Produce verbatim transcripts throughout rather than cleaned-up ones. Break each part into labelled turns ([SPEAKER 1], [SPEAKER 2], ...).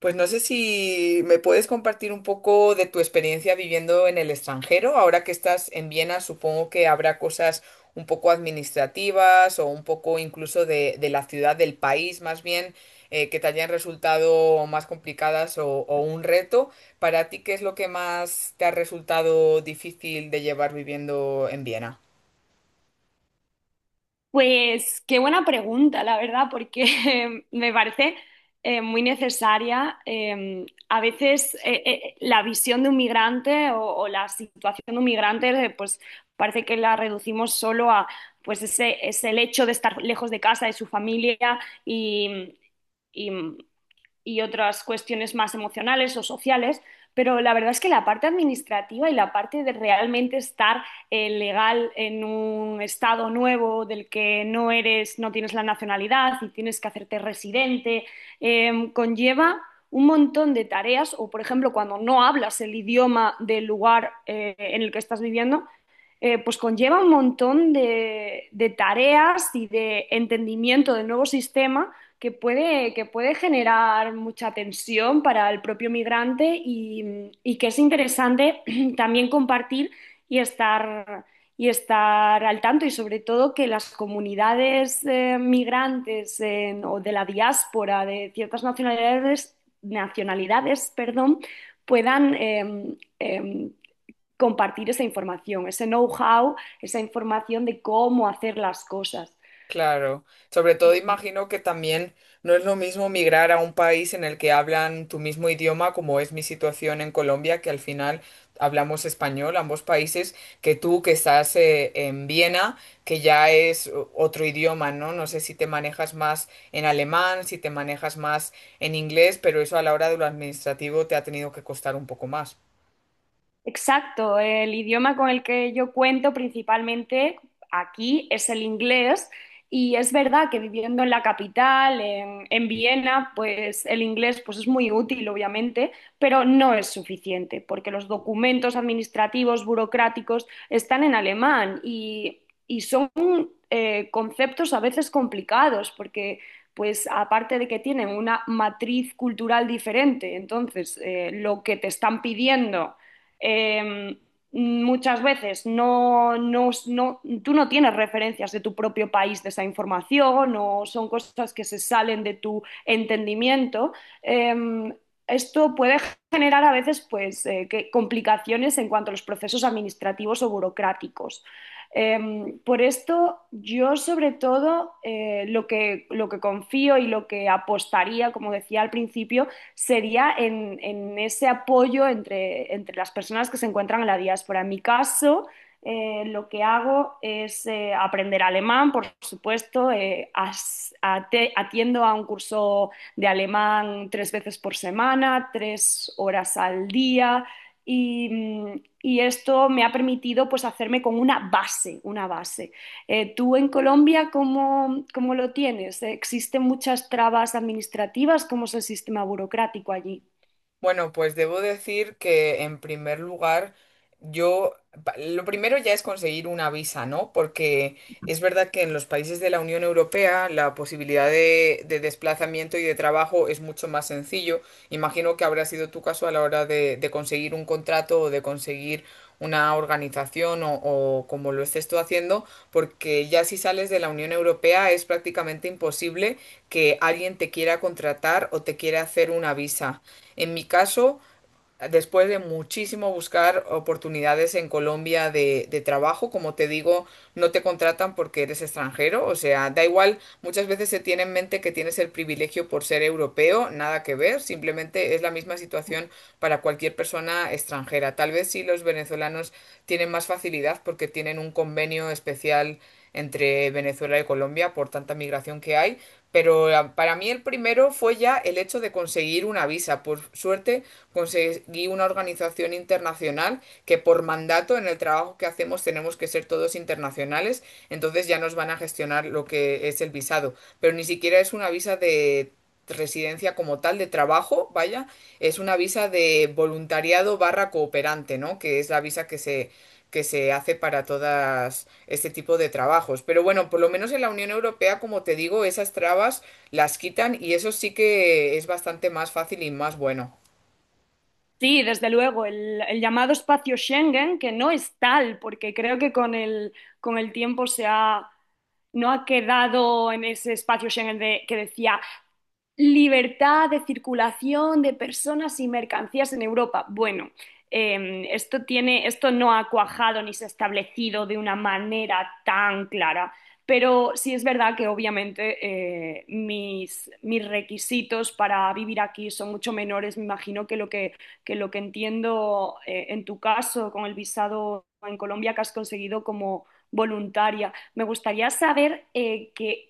[SPEAKER 1] Pues no sé si me puedes compartir un poco de tu experiencia viviendo en el extranjero. Ahora que estás en Viena, supongo que habrá cosas un poco administrativas o un poco incluso de, de la ciudad, del país más bien, eh, que te hayan resultado más complicadas o, o un reto. Para ti, ¿qué es lo que más te ha resultado difícil de llevar viviendo en Viena?
[SPEAKER 2] Pues qué buena pregunta, la verdad, porque me parece eh, muy necesaria. Eh, a veces eh, eh, la visión de un migrante o, o la situación de un migrante, eh, pues parece que la reducimos solo a pues ese, es el hecho de estar lejos de casa, de su familia y, y otras cuestiones más emocionales o sociales, pero la verdad es que la parte administrativa y la parte de realmente estar eh, legal en un estado nuevo del que no eres, no tienes la nacionalidad y tienes que hacerte residente, eh, conlleva un montón de tareas o, por ejemplo, cuando no hablas el idioma del lugar eh, en el que estás viviendo, eh, pues conlleva un montón de, de tareas y de entendimiento del nuevo sistema que puede, que puede generar mucha tensión para el propio migrante y, y que es interesante también compartir y estar, y estar al tanto y sobre todo que las comunidades eh, migrantes en- o de la diáspora de ciertas nacionalidades, nacionalidades, perdón, puedan em, em, compartir esa información, ese know-how, esa información de cómo hacer las cosas.
[SPEAKER 1] Claro, sobre todo imagino que también no es lo mismo migrar a un país en el que hablan tu mismo idioma, como es mi situación en Colombia, que al final hablamos español, ambos países, que tú que estás eh, en Viena, que ya es o- otro idioma, ¿no? No sé si te manejas más en alemán, si te manejas más en inglés, pero eso a la hora de lo administrativo te ha tenido que costar un poco más.
[SPEAKER 2] Exacto, el idioma con el que yo cuento principalmente aquí es el inglés y es verdad que viviendo en la capital, en, en Viena, pues el inglés pues es muy útil, obviamente, pero no es suficiente porque los documentos administrativos, burocráticos están en alemán y, y son eh, conceptos a veces complicados porque pues aparte de que tienen una matriz cultural diferente, entonces eh, lo que te están pidiendo eh, muchas veces no, no, no, tú no tienes referencias de tu propio país de esa información o son cosas que se salen de tu entendimiento. Eh, Esto puede generar a veces pues, eh, que- complicaciones en cuanto a los procesos administrativos o burocráticos. Eh, por esto, yo sobre todo eh, lo que, lo que confío y lo que apostaría, como decía al principio, sería en, en ese apoyo entre, entre las personas que se encuentran en la diáspora. En mi caso, eh, lo que hago es eh, aprender alemán, por supuesto. Eh, as- ate- atiendo a un curso de alemán tres veces por semana, tres horas al día. Y, mm, y esto me ha permitido pues hacerme con una base, una base. Eh, ¿tú en Colombia cómo, cómo lo tienes? ¿Existen muchas trabas administrativas? ¿Cómo es el sistema burocrático allí?
[SPEAKER 1] Bueno, pues debo decir que en primer lugar, yo, pa- lo primero ya es conseguir una visa, ¿no? Porque es verdad que en los países de la Unión Europea la posibilidad de, de desplazamiento y de trabajo es mucho más sencillo. Imagino que habrá sido tu caso a la hora de, de conseguir un contrato o de conseguir una organización o, o como lo estés tú haciendo, porque ya si sales de la Unión Europea es prácticamente imposible que alguien te quiera contratar o te quiera hacer una visa. En mi caso, después de muchísimo buscar oportunidades en Colombia de, de trabajo, como te digo, no te contratan porque eres extranjero, o sea, da igual, muchas veces se tiene en mente que tienes el privilegio por ser europeo, nada que ver, simplemente es la misma situación para cualquier persona extranjera. Tal vez sí los venezolanos tienen más facilidad porque tienen un convenio especial entre Venezuela y Colombia por tanta migración que hay, pero ah, para mí el primero fue ya el hecho de conseguir una visa. Por suerte, conseguí una organización internacional que por mandato en el trabajo que hacemos tenemos que ser todos internacionales, entonces ya nos van a gestionar lo que es el visado, pero ni siquiera es una visa de residencia como tal de trabajo, vaya, es una visa de voluntariado barra cooperante, ¿no? Que es la visa que se que se hace para todas este tipo de trabajos. Pero bueno, por lo menos en la Unión Europea, como te digo, esas trabas las quitan y eso sí que es bastante más fácil y más bueno.
[SPEAKER 2] Sí, desde luego, el, el llamado espacio Schengen, que no es tal, porque creo que con el, con el tiempo se ha, no ha quedado en ese espacio Schengen de- que decía libertad de circulación de personas y mercancías en Europa. Bueno, eh, esto tiene, esto no ha cuajado ni se ha establecido de una manera tan clara, pero sí es verdad que obviamente eh, mis, mis requisitos para vivir aquí son mucho menores, me imagino, que lo que, que lo que, entiendo eh, en tu caso con el visado en Colombia que has conseguido como voluntaria. Me gustaría saber eh, que-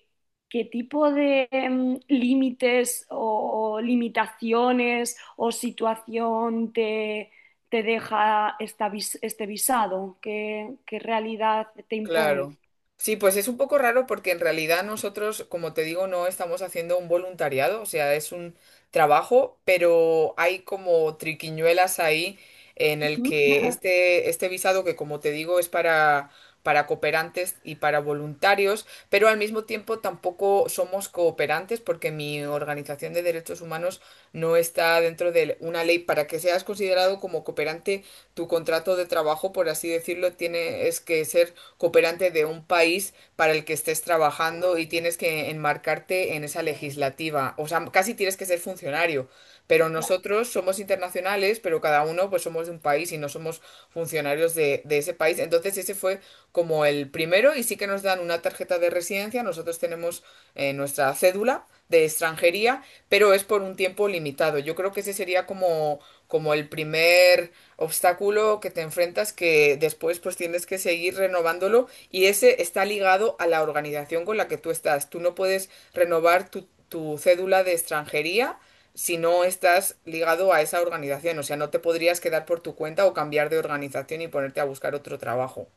[SPEAKER 2] ¿Qué tipo de em, límites o, limitaciones o situación te, te deja esta vis- este visado? ¿Qué, qué realidad te impone?
[SPEAKER 1] Claro. Sí, pues es un poco raro porque en realidad nosotros, como te digo, no estamos haciendo un voluntariado, o sea, es un trabajo, pero hay como triquiñuelas ahí en el
[SPEAKER 2] Ujú.
[SPEAKER 1] que este, este visado que, como te digo, es para, para cooperantes y para voluntarios, pero al mismo tiempo tampoco somos cooperantes porque mi organización de derechos humanos no está dentro de una ley. Para que seas considerado como cooperante, tu contrato de trabajo, por así decirlo, tiene es que ser cooperante de un país para el que estés trabajando y tienes que enmarcarte en esa legislativa. O sea, casi tienes que ser funcionario. Pero nosotros somos internacionales, pero cada uno pues somos de un país y no somos funcionarios de, de ese país. Entonces ese fue como el primero y sí que nos dan una tarjeta de residencia. Nosotros tenemos eh, nuestra cédula de extranjería, pero es por un tiempo limitado. Yo creo que ese sería como, como el primer obstáculo que te enfrentas que después pues tienes que seguir renovándolo y ese está ligado a la organización con la que tú estás. Tú no puedes renovar tu, tu cédula de extranjería si no estás ligado a esa organización. O sea, no te podrías quedar por tu cuenta o cambiar de organización y ponerte a buscar otro trabajo.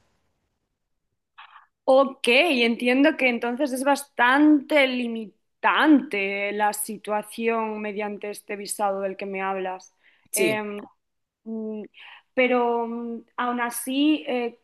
[SPEAKER 2] Ok, entiendo que entonces es bastante limitante la situación mediante este visado del que me hablas.
[SPEAKER 1] Sí.
[SPEAKER 2] Em, Mm, Pero mm, aún así, eh,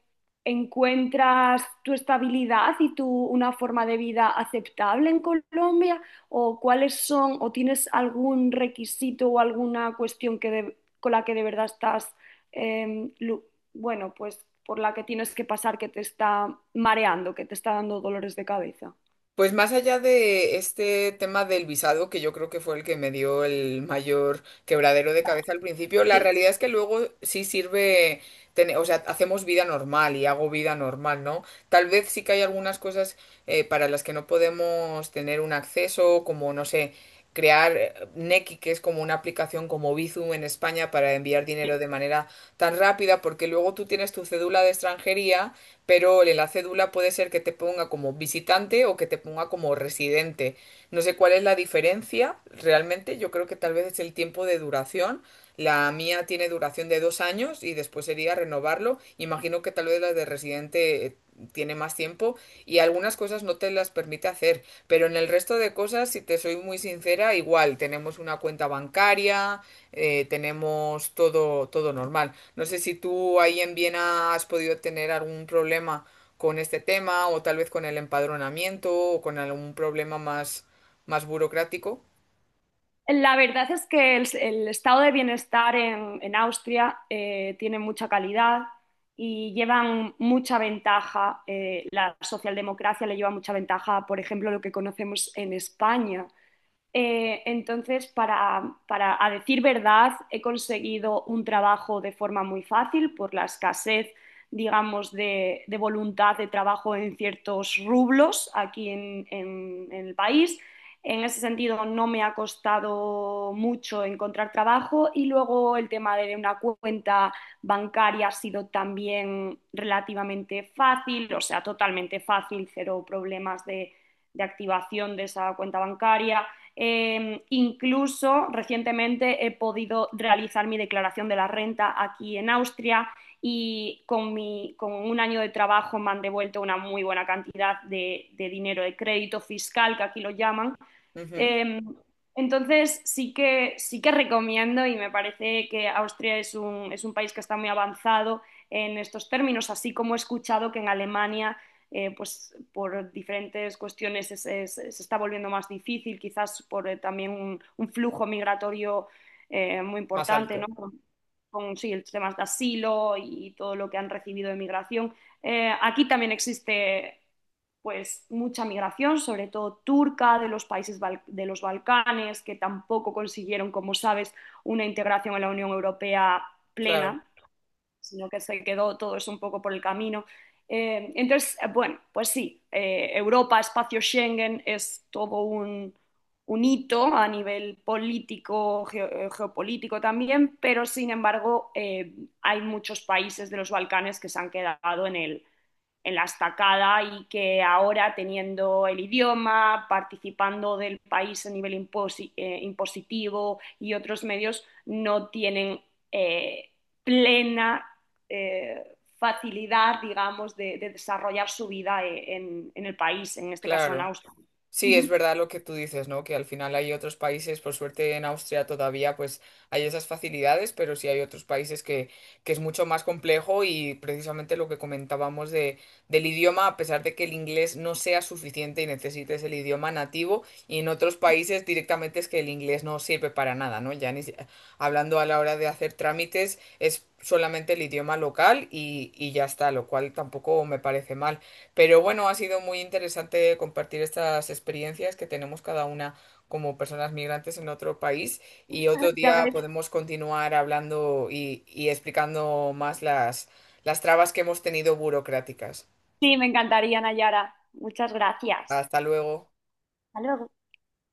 [SPEAKER 2] encuentras tu estabilidad y tu una forma de vida aceptable en Colombia o cuáles son o tienes algún requisito o alguna cuestión que de- con la que de verdad estás eh, lu- bueno, pues por la que tienes que pasar que te está mareando, que te está dando dolores de cabeza.
[SPEAKER 1] Pues más allá de este tema del visado, que yo creo que fue el que me dio el mayor quebradero de cabeza al principio, la
[SPEAKER 2] Sí.
[SPEAKER 1] realidad es que luego sí sirve, tener- o sea, hacemos vida normal y hago vida normal, ¿no? Tal vez sí que hay algunas cosas eh, para las que no podemos tener un acceso, como, no sé, crear eh, Nequi, que es como una aplicación como Bizum en España para enviar dinero de manera tan rápida, porque luego tú tienes tu cédula de extranjería pero el enlace D U L A puede ser que te ponga como visitante o que te ponga como residente. No sé cuál es la diferencia realmente, yo creo que tal vez es el tiempo de duración. La mía tiene duración de dos años y después sería renovarlo. Imagino que tal vez la de residente eh, tiene más tiempo y algunas cosas no te las permite hacer, pero en el resto de cosas, si te soy muy sincera, igual tenemos una cuenta bancaria, eh, tenemos todo, todo normal. No sé si tú ahí en Viena has podido tener algún problema con este tema o tal vez con el empadronamiento o con algún problema más, más burocrático,
[SPEAKER 2] La verdad es que el, el estado de bienestar en, en Austria eh, tiene mucha calidad y llevan mucha ventaja, eh, la socialdemocracia le lleva mucha ventaja, por ejemplo, lo que conocemos en España, eh, entonces, para, para, a decir verdad, he conseguido un trabajo de forma muy fácil por la escasez, digamos, de, de voluntad de trabajo en ciertos rublos aquí en, en- en el país. En ese sentido, no me ha costado mucho encontrar trabajo y luego el tema de una cuenta bancaria ha sido también relativamente fácil, o sea, totalmente fácil, cero problemas de de activación de esa cuenta bancaria. Eh, incluso recientemente he podido realizar mi declaración de la renta aquí en Austria y con, mi, con un año de trabajo me han devuelto una muy buena cantidad de, de dinero de crédito fiscal, que aquí lo llaman,
[SPEAKER 1] ujú,
[SPEAKER 2] eh, entonces sí que, sí que, recomiendo y me parece que Austria es un, es un país que está muy avanzado en estos términos, así como he escuchado que en Alemania, eh, pues por diferentes cuestiones es- es- se está volviendo más difícil, quizás por eh, también un, un flujo migratorio eh, muy
[SPEAKER 1] más
[SPEAKER 2] importante,
[SPEAKER 1] alto.
[SPEAKER 2] ¿no? Con, con, sí, el tema de asilo y todo lo que han recibido de migración. Eh, aquí también existe pues mucha migración, sobre todo turca, de los países de los Balcanes, que tampoco consiguieron, como sabes, una integración en la Unión Europea
[SPEAKER 1] Claro,
[SPEAKER 2] plena, sino que se quedó todo eso un poco por el camino. Eh, entonces, eh, bueno, pues sí, eh, Europa, espacio Schengen, es todo un, un hito a nivel político, geo- eh, geopolítico también, pero sin embargo, eh, hay muchos países de los Balcanes que se han quedado en el en la estacada y que ahora teniendo el idioma, participando del país a nivel imposi- eh, impositivo y otros medios, no tienen eh, plena eh, facilidad, digamos, de, de, desarrollar su vida eh, en, en, el país, en este caso en
[SPEAKER 1] claro.
[SPEAKER 2] Austria.
[SPEAKER 1] Sí, es verdad lo que tú dices, ¿no? Que al final hay otros países, por suerte en Austria todavía pues hay esas facilidades, pero sí hay otros países que, que es mucho más complejo y precisamente lo que comentábamos de, del idioma, a pesar de que el inglés no sea suficiente y necesites el idioma nativo, y en otros países directamente es que el inglés no sirve para nada, ¿no? Ya ni si- hablando a la hora de hacer trámites es solamente el idioma local y, y ya está, lo cual tampoco me parece mal. Pero bueno, ha sido muy interesante compartir estas experiencias que tenemos cada una como personas migrantes en otro país y otro
[SPEAKER 2] Ya
[SPEAKER 1] día
[SPEAKER 2] ves.
[SPEAKER 1] podemos continuar hablando y, y explicando más las, las trabas que hemos tenido burocráticas.
[SPEAKER 2] Sí, me encantaría, Nayara. Muchas gracias.
[SPEAKER 1] Hasta luego.
[SPEAKER 2] Hasta luego.